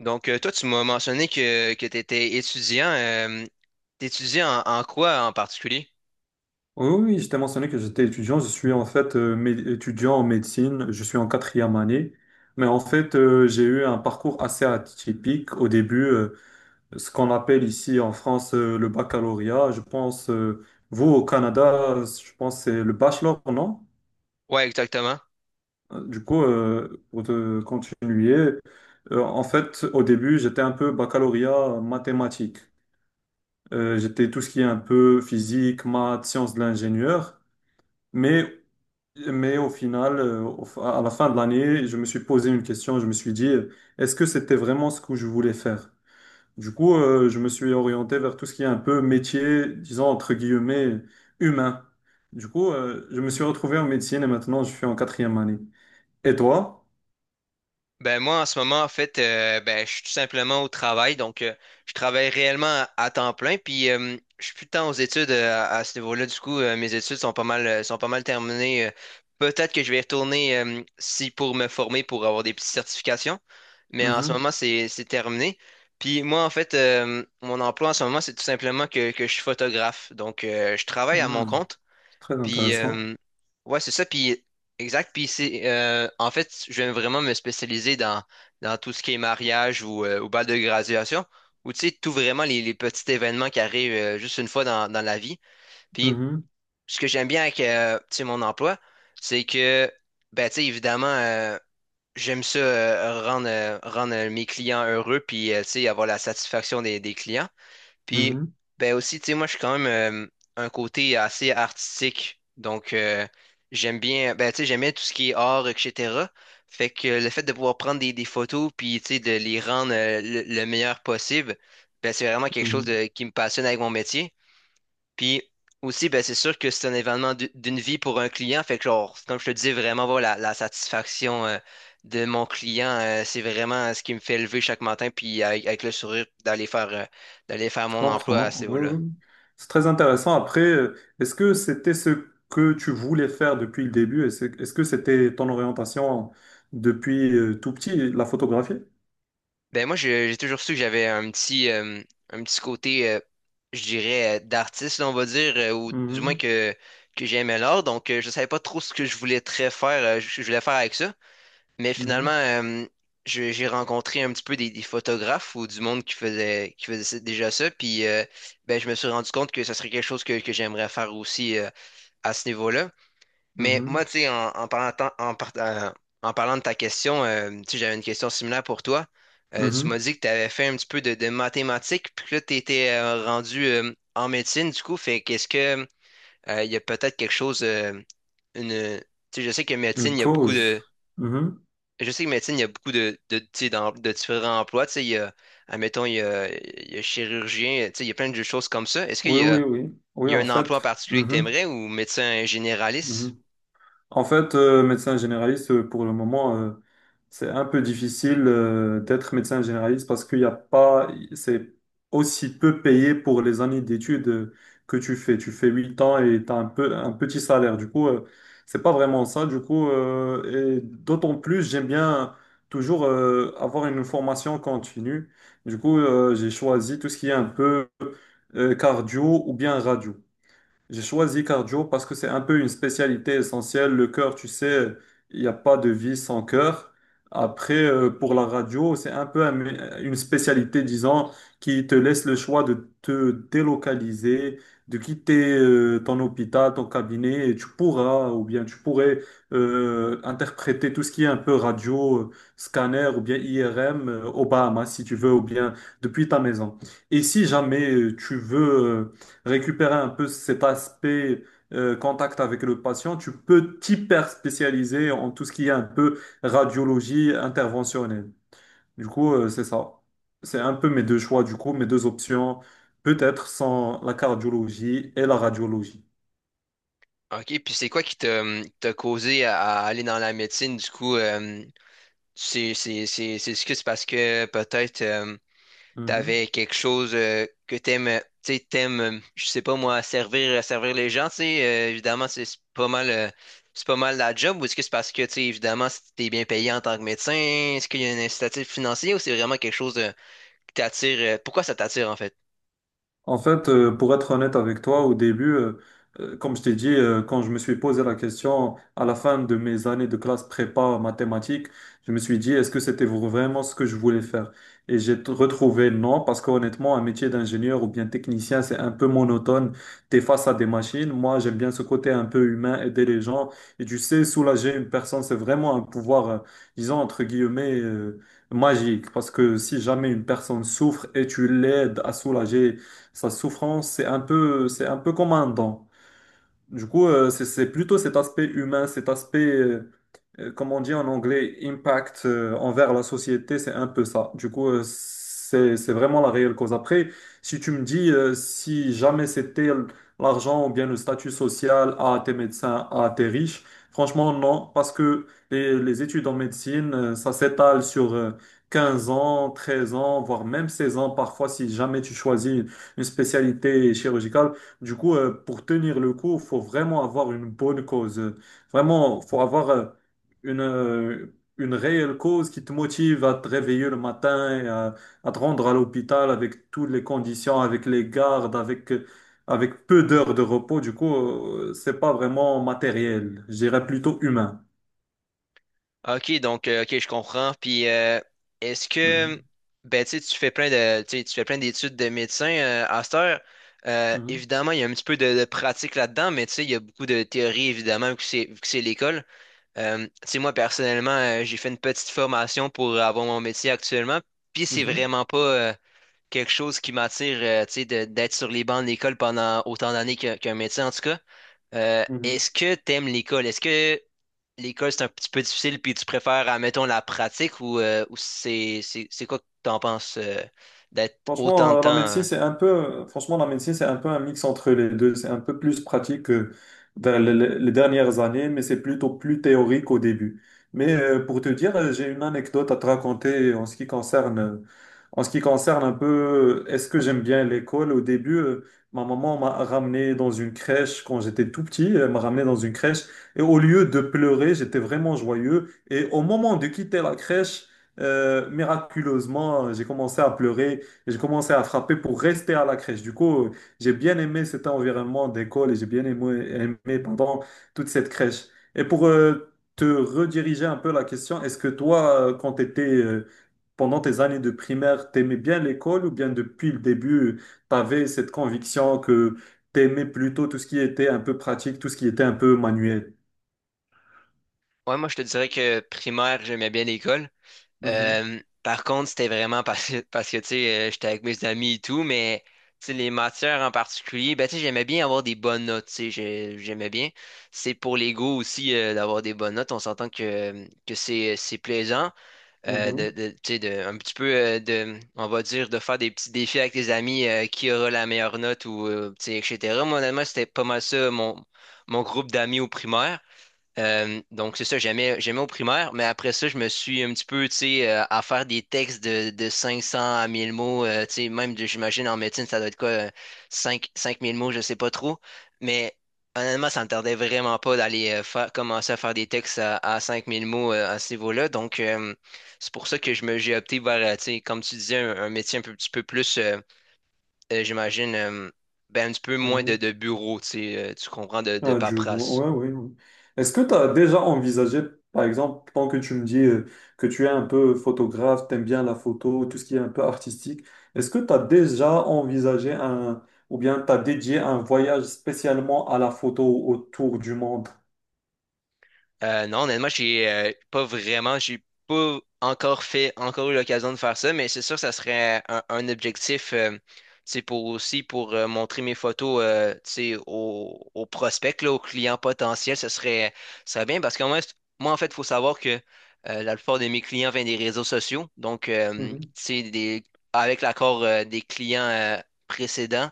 Donc, toi, tu m'as mentionné que tu étais étudiant. T'étudiais en quoi en particulier? Oui, oui, je t'ai mentionné que j'étais étudiant. Je suis en fait étudiant en médecine. Je suis en quatrième année. Mais en fait, j'ai eu un parcours assez atypique. Au début, ce qu'on appelle ici en France le baccalauréat. Je pense, vous au Canada, je pense que c'est le bachelor, non? Ouais, exactement. Du coup, pour te continuer, en fait, au début, j'étais un peu baccalauréat mathématique. J'étais tout ce qui est un peu physique, maths, sciences de l'ingénieur. Mais Mais au final, à la fin de l'année, je me suis posé une question. Je me suis dit, est-ce que c'était vraiment ce que je voulais faire? Du coup, je me suis orienté vers tout ce qui est un peu métier, disons entre guillemets, humain. Du coup, je me suis retrouvé en médecine et maintenant je suis en quatrième année. Et toi? Ben moi en ce moment en fait ben je suis tout simplement au travail donc je travaille réellement à temps plein puis je suis plus tant aux études à ce niveau-là du coup mes études sont pas mal terminées peut-être que je vais y retourner si pour me former pour avoir des petites certifications mais en ce Mhm, moment c'est terminé. Puis moi en fait mon emploi en ce moment c'est tout simplement que je suis photographe donc je travaille à mon mhm. compte. C'est très Puis, intéressant. Ouais, c'est ça. Puis, exact. Puis, c'est, en fait, je vais vraiment me spécialiser dans, dans tout ce qui est mariage ou bal de graduation, ou tu sais, tout vraiment les petits événements qui arrivent juste une fois dans, dans la vie. Puis, Mhm, ce que j'aime bien avec, tu sais, mon emploi, c'est que, ben, tu sais, évidemment, j'aime ça, rendre mes clients heureux, puis, tu sais, avoir la satisfaction des clients. Puis, mhm, ben aussi, tu sais, moi, je suis quand même un côté assez artistique. Donc, j'aime bien, ben, tu sais, j'aime bien tout ce qui est art, etc. Fait que le fait de pouvoir prendre des photos, puis, tu sais, de les rendre le meilleur possible, ben, c'est vraiment quelque chose mhm. Qui me passionne avec mon métier. Puis aussi, ben, c'est sûr que c'est un événement d'une vie pour un client. Fait que, genre, comme je te dis, vraiment, voilà, la satisfaction de mon client, c'est vraiment ce qui me fait lever chaque matin, puis avec le sourire, d'aller faire Je mon emploi à ce comprends. Oui, niveau-là. oui. C'est très intéressant. Après, est-ce que c'était ce que tu voulais faire depuis le début? Est-ce que c'était ton orientation depuis tout petit, la photographie? Ben, moi, j'ai toujours su que j'avais un petit côté, je dirais, d'artiste, là, on va dire, ou du moins Mhm, que j'aimais l'art. Donc, je savais pas trop ce que je voulais très faire, je voulais faire avec ça. Mais mhm, finalement, j'ai rencontré un petit peu des photographes ou du monde qui faisait déjà ça. Puis ben, je me suis rendu compte que ça serait quelque chose que j'aimerais faire aussi à ce niveau-là. Mais mhm, moi, tu sais, en, en parlant, tant- en, par- en parlant de ta question, tu sais, j'avais une question similaire pour toi. Tu m'as mhm. dit que tu avais fait un petit peu de mathématiques, puis que là, tu étais rendu en médecine, du coup. Fait qu'est-ce que, il y a peut-être quelque chose, une, tu sais, je sais que médecine, Une il y a beaucoup cause. de Mhm. je sais que médecine, il y a beaucoup tu sais, de différents emplois. Tu sais, admettons, il y a chirurgien, tu sais, il y a plein de choses comme ça. Est-ce qu'il Oui, y oui, a, oui. il Oui, y a en un emploi en fait. particulier que tu Mhm, aimerais ou médecin généraliste? mhm. En fait, médecin généraliste, pour le moment, c'est un peu difficile d'être médecin généraliste parce qu'il n'y a pas, c'est aussi peu payé pour les années d'études que tu fais. Tu fais 8 ans et tu as un peu, un petit salaire. Du coup, c'est pas vraiment ça. Du coup, et d'autant plus, j'aime bien toujours avoir une formation continue. Du coup, j'ai choisi tout ce qui est un peu cardio ou bien radio. J'ai choisi cardio parce que c'est un peu une spécialité essentielle. Le cœur, tu sais, il n'y a pas de vie sans cœur. Après, pour la radio, c'est un peu une spécialité, disons, qui te laisse le choix de te délocaliser, de quitter ton hôpital, ton cabinet, et tu pourras, ou bien tu pourrais interpréter tout ce qui est un peu radio, scanner, ou bien IRM, aux Bahamas, si tu veux, ou bien depuis ta maison. Et si jamais tu veux récupérer un peu cet aspect contact avec le patient, tu peux t'hyper spécialiser en tout ce qui est un peu radiologie interventionnelle. Du coup, c'est ça. C'est un peu mes deux choix, du coup, mes deux options, peut-être sans la cardiologie et la radiologie. OK, puis c'est quoi qui t'a t'a causé à aller dans la médecine? Du coup, est-ce que c'est parce que peut-être Mhm. t'avais quelque chose que t'aimes, tu sais, je sais pas moi, servir les gens, tu sais, évidemment, c'est pas mal, c'est pas mal la job, ou est-ce que c'est parce que, tu sais, évidemment, si t'es bien payé en tant que médecin, est-ce qu'il y a un incitatif financier ou c'est vraiment quelque chose qui t'attire, pourquoi ça t'attire en fait? En fait, pour être honnête avec toi, au début, comme je t'ai dit, quand je me suis posé la question à la fin de mes années de classe prépa mathématiques, je me suis dit, est-ce que c'était vraiment ce que je voulais faire? Et j'ai retrouvé non, parce qu'honnêtement, un métier d'ingénieur ou bien technicien, c'est un peu monotone. Tu es face à des machines. Moi, j'aime bien ce côté un peu humain, aider les gens. Et tu sais, soulager une personne, c'est vraiment un pouvoir, disons, entre guillemets, magique. Parce que si jamais une personne souffre et tu l'aides à soulager, sa souffrance, c'est un peu comme un don. Du coup, c'est plutôt cet aspect humain, cet aspect comme on dit en anglais, impact envers la société, c'est un peu ça. Du coup, c'est vraiment la réelle cause. Après, si tu me dis si jamais l'argent ou bien le statut social à tes médecins, à tes riches, franchement, non, parce que les études en médecine, ça s'étale sur 15 ans, 13 ans, voire même 16 ans parfois si jamais tu choisis une spécialité chirurgicale. Du coup, pour tenir le coup, il faut vraiment avoir une bonne cause. Vraiment, faut avoir une réelle cause qui te motive à te réveiller le matin, et à te rendre à l'hôpital avec toutes les conditions, avec les gardes, avec, avec peu d'heures de repos. Du coup, c'est pas vraiment matériel, je dirais plutôt humain. Ok, donc, ok, je comprends, puis est-ce que, Mhm, ben, tu sais, tu sais, tu fais plein d'études de médecin à cette heure, mhm, évidemment, il y a un petit peu de pratique là-dedans, mais tu sais, il y a beaucoup de théorie, évidemment, vu que c'est l'école. Tu sais, moi, personnellement, j'ai fait une petite formation pour avoir mon métier actuellement, puis c'est mhm, vraiment pas quelque chose qui m'attire, tu sais, d'être sur les bancs de l'école pendant autant d'années qu'un métier, en tout cas. Mhm. Est-ce que t'aimes l'école? Est-ce que l'école, c'est un petit peu difficile, puis tu préfères, admettons, la pratique ou c'est quoi que t'en penses d'être autant Franchement, de temps, la médecine, hein? c'est un peu, franchement, la médecine, c'est un peu un mix entre les deux. C'est un peu plus pratique que dans les dernières années, mais c'est plutôt plus théorique au début. Mais pour te dire, j'ai une anecdote à te raconter en ce qui concerne, en ce qui concerne un peu, est-ce que j'aime bien l'école? Au début, ma maman m'a ramené dans une crèche quand j'étais tout petit, elle m'a ramené dans une crèche et au lieu de pleurer, j'étais vraiment joyeux. Et au moment de quitter la crèche, miraculeusement, j'ai commencé à pleurer. Et j'ai commencé à frapper pour rester à la crèche. Du coup, j'ai bien aimé cet environnement d'école et j'ai bien aimé, aimé, pendant toute cette crèche. Et pour te rediriger un peu la question, est-ce que toi, quand tu étais, pendant tes années de primaire, t'aimais bien l'école ou bien depuis le début, tu avais cette conviction que t'aimais plutôt tout ce qui était un peu pratique, tout ce qui était un peu manuel? Ouais, moi, je te dirais que primaire, j'aimais bien l'école. Mhm, Par contre, c'était vraiment parce que tu sais, j'étais avec mes amis et tout, mais tu sais, les matières en particulier, ben, tu sais, j'aimais bien avoir des bonnes notes, tu sais, j'aimais bien. C'est pour l'ego aussi d'avoir des bonnes notes. On s'entend que c'est plaisant, mhm, tu sais, de, un petit peu de, on va dire, de faire des petits défis avec tes amis, qui aura la meilleure note ou, tu sais, etc. Moi, honnêtement, c'était pas mal ça, mon groupe d'amis au primaire. Donc, c'est ça, j'aimais au primaire, mais après ça, je me suis un petit peu, tu sais, à faire des textes de 500 à 1 000 mots, tu sais, même, j'imagine, en médecine, ça doit être quoi, cinq mille mots, je sais pas trop, mais honnêtement, ça me tardait vraiment pas d'aller faire, commencer à faire des textes à 5 000 mots à ce niveau-là, donc c'est pour ça j'ai opté vers, tu sais, comme tu disais, un métier petit peu plus, j'imagine, ben, un petit peu moins mhm. de bureau, tu sais, tu comprends, de Ah, du coup, paperasse. ouais, ouais, ouais. Est-ce que tu as déjà envisagé, par exemple, tant que tu me dis que tu es un peu photographe, t'aimes bien la photo, tout ce qui est un peu artistique, est-ce que tu as déjà envisagé un, ou bien tu as dédié un voyage spécialement à la photo autour du monde? Non, honnêtement, j'ai pas vraiment, j'ai pas encore fait, encore eu l'occasion de faire ça, mais c'est sûr que ça serait un objectif, c'est pour aussi pour montrer mes photos, tu sais, aux prospects, là, aux clients potentiels, ça serait bien parce que moi, moi, en fait, il faut savoir que la plupart de mes clients viennent des réseaux sociaux, donc, tu Mhm, sais, des, avec l'accord des clients précédents,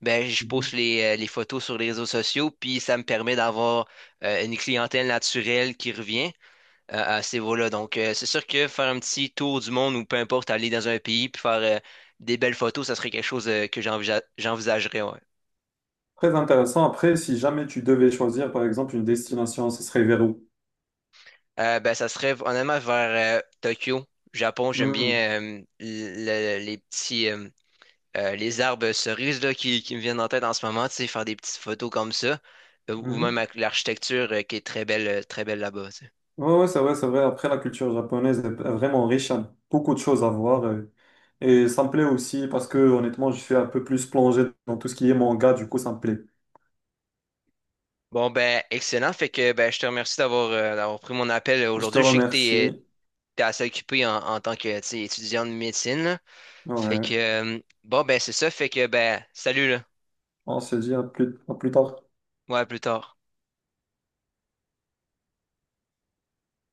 ben, je poste mhm. Les photos sur les réseaux sociaux, puis ça me permet d'avoir une clientèle naturelle qui revient à ces vols-là. Donc, c'est sûr que faire un petit tour du monde ou peu importe, aller dans un pays puis faire des belles photos, ça serait quelque chose que j'envisagerais. Ouais. Très intéressant. Après, si jamais tu devais choisir, par exemple, une destination, ce serait vers où? Ben, ça serait honnêtement vers Tokyo, Japon. J'aime Mhm, bien les petits les arbres cerises là, qui me viennent en tête en ce moment, tu sais, faire des petites photos comme ça, ou même mhm. avec l'architecture qui est très belle là-bas, tu sais. Ouais, ouais, c'est vrai, c'est vrai. Après, la culture japonaise est vraiment riche, il y a beaucoup de choses à voir. Et, ça me plaît aussi parce que, honnêtement, je suis un peu plus plongé dans tout ce qui est manga, du coup, ça me plaît. Bon, ben, excellent. Fait que ben, je te remercie d'avoir pris mon appel Je te aujourd'hui. Je sais que remercie. t'es assez occupé en tant que tu sais, étudiant de médecine, là. Fait que Ouais, bon, ben, c'est ça. Fait que ben, salut là. on se dit à plus tard. Ouais, à plus tard.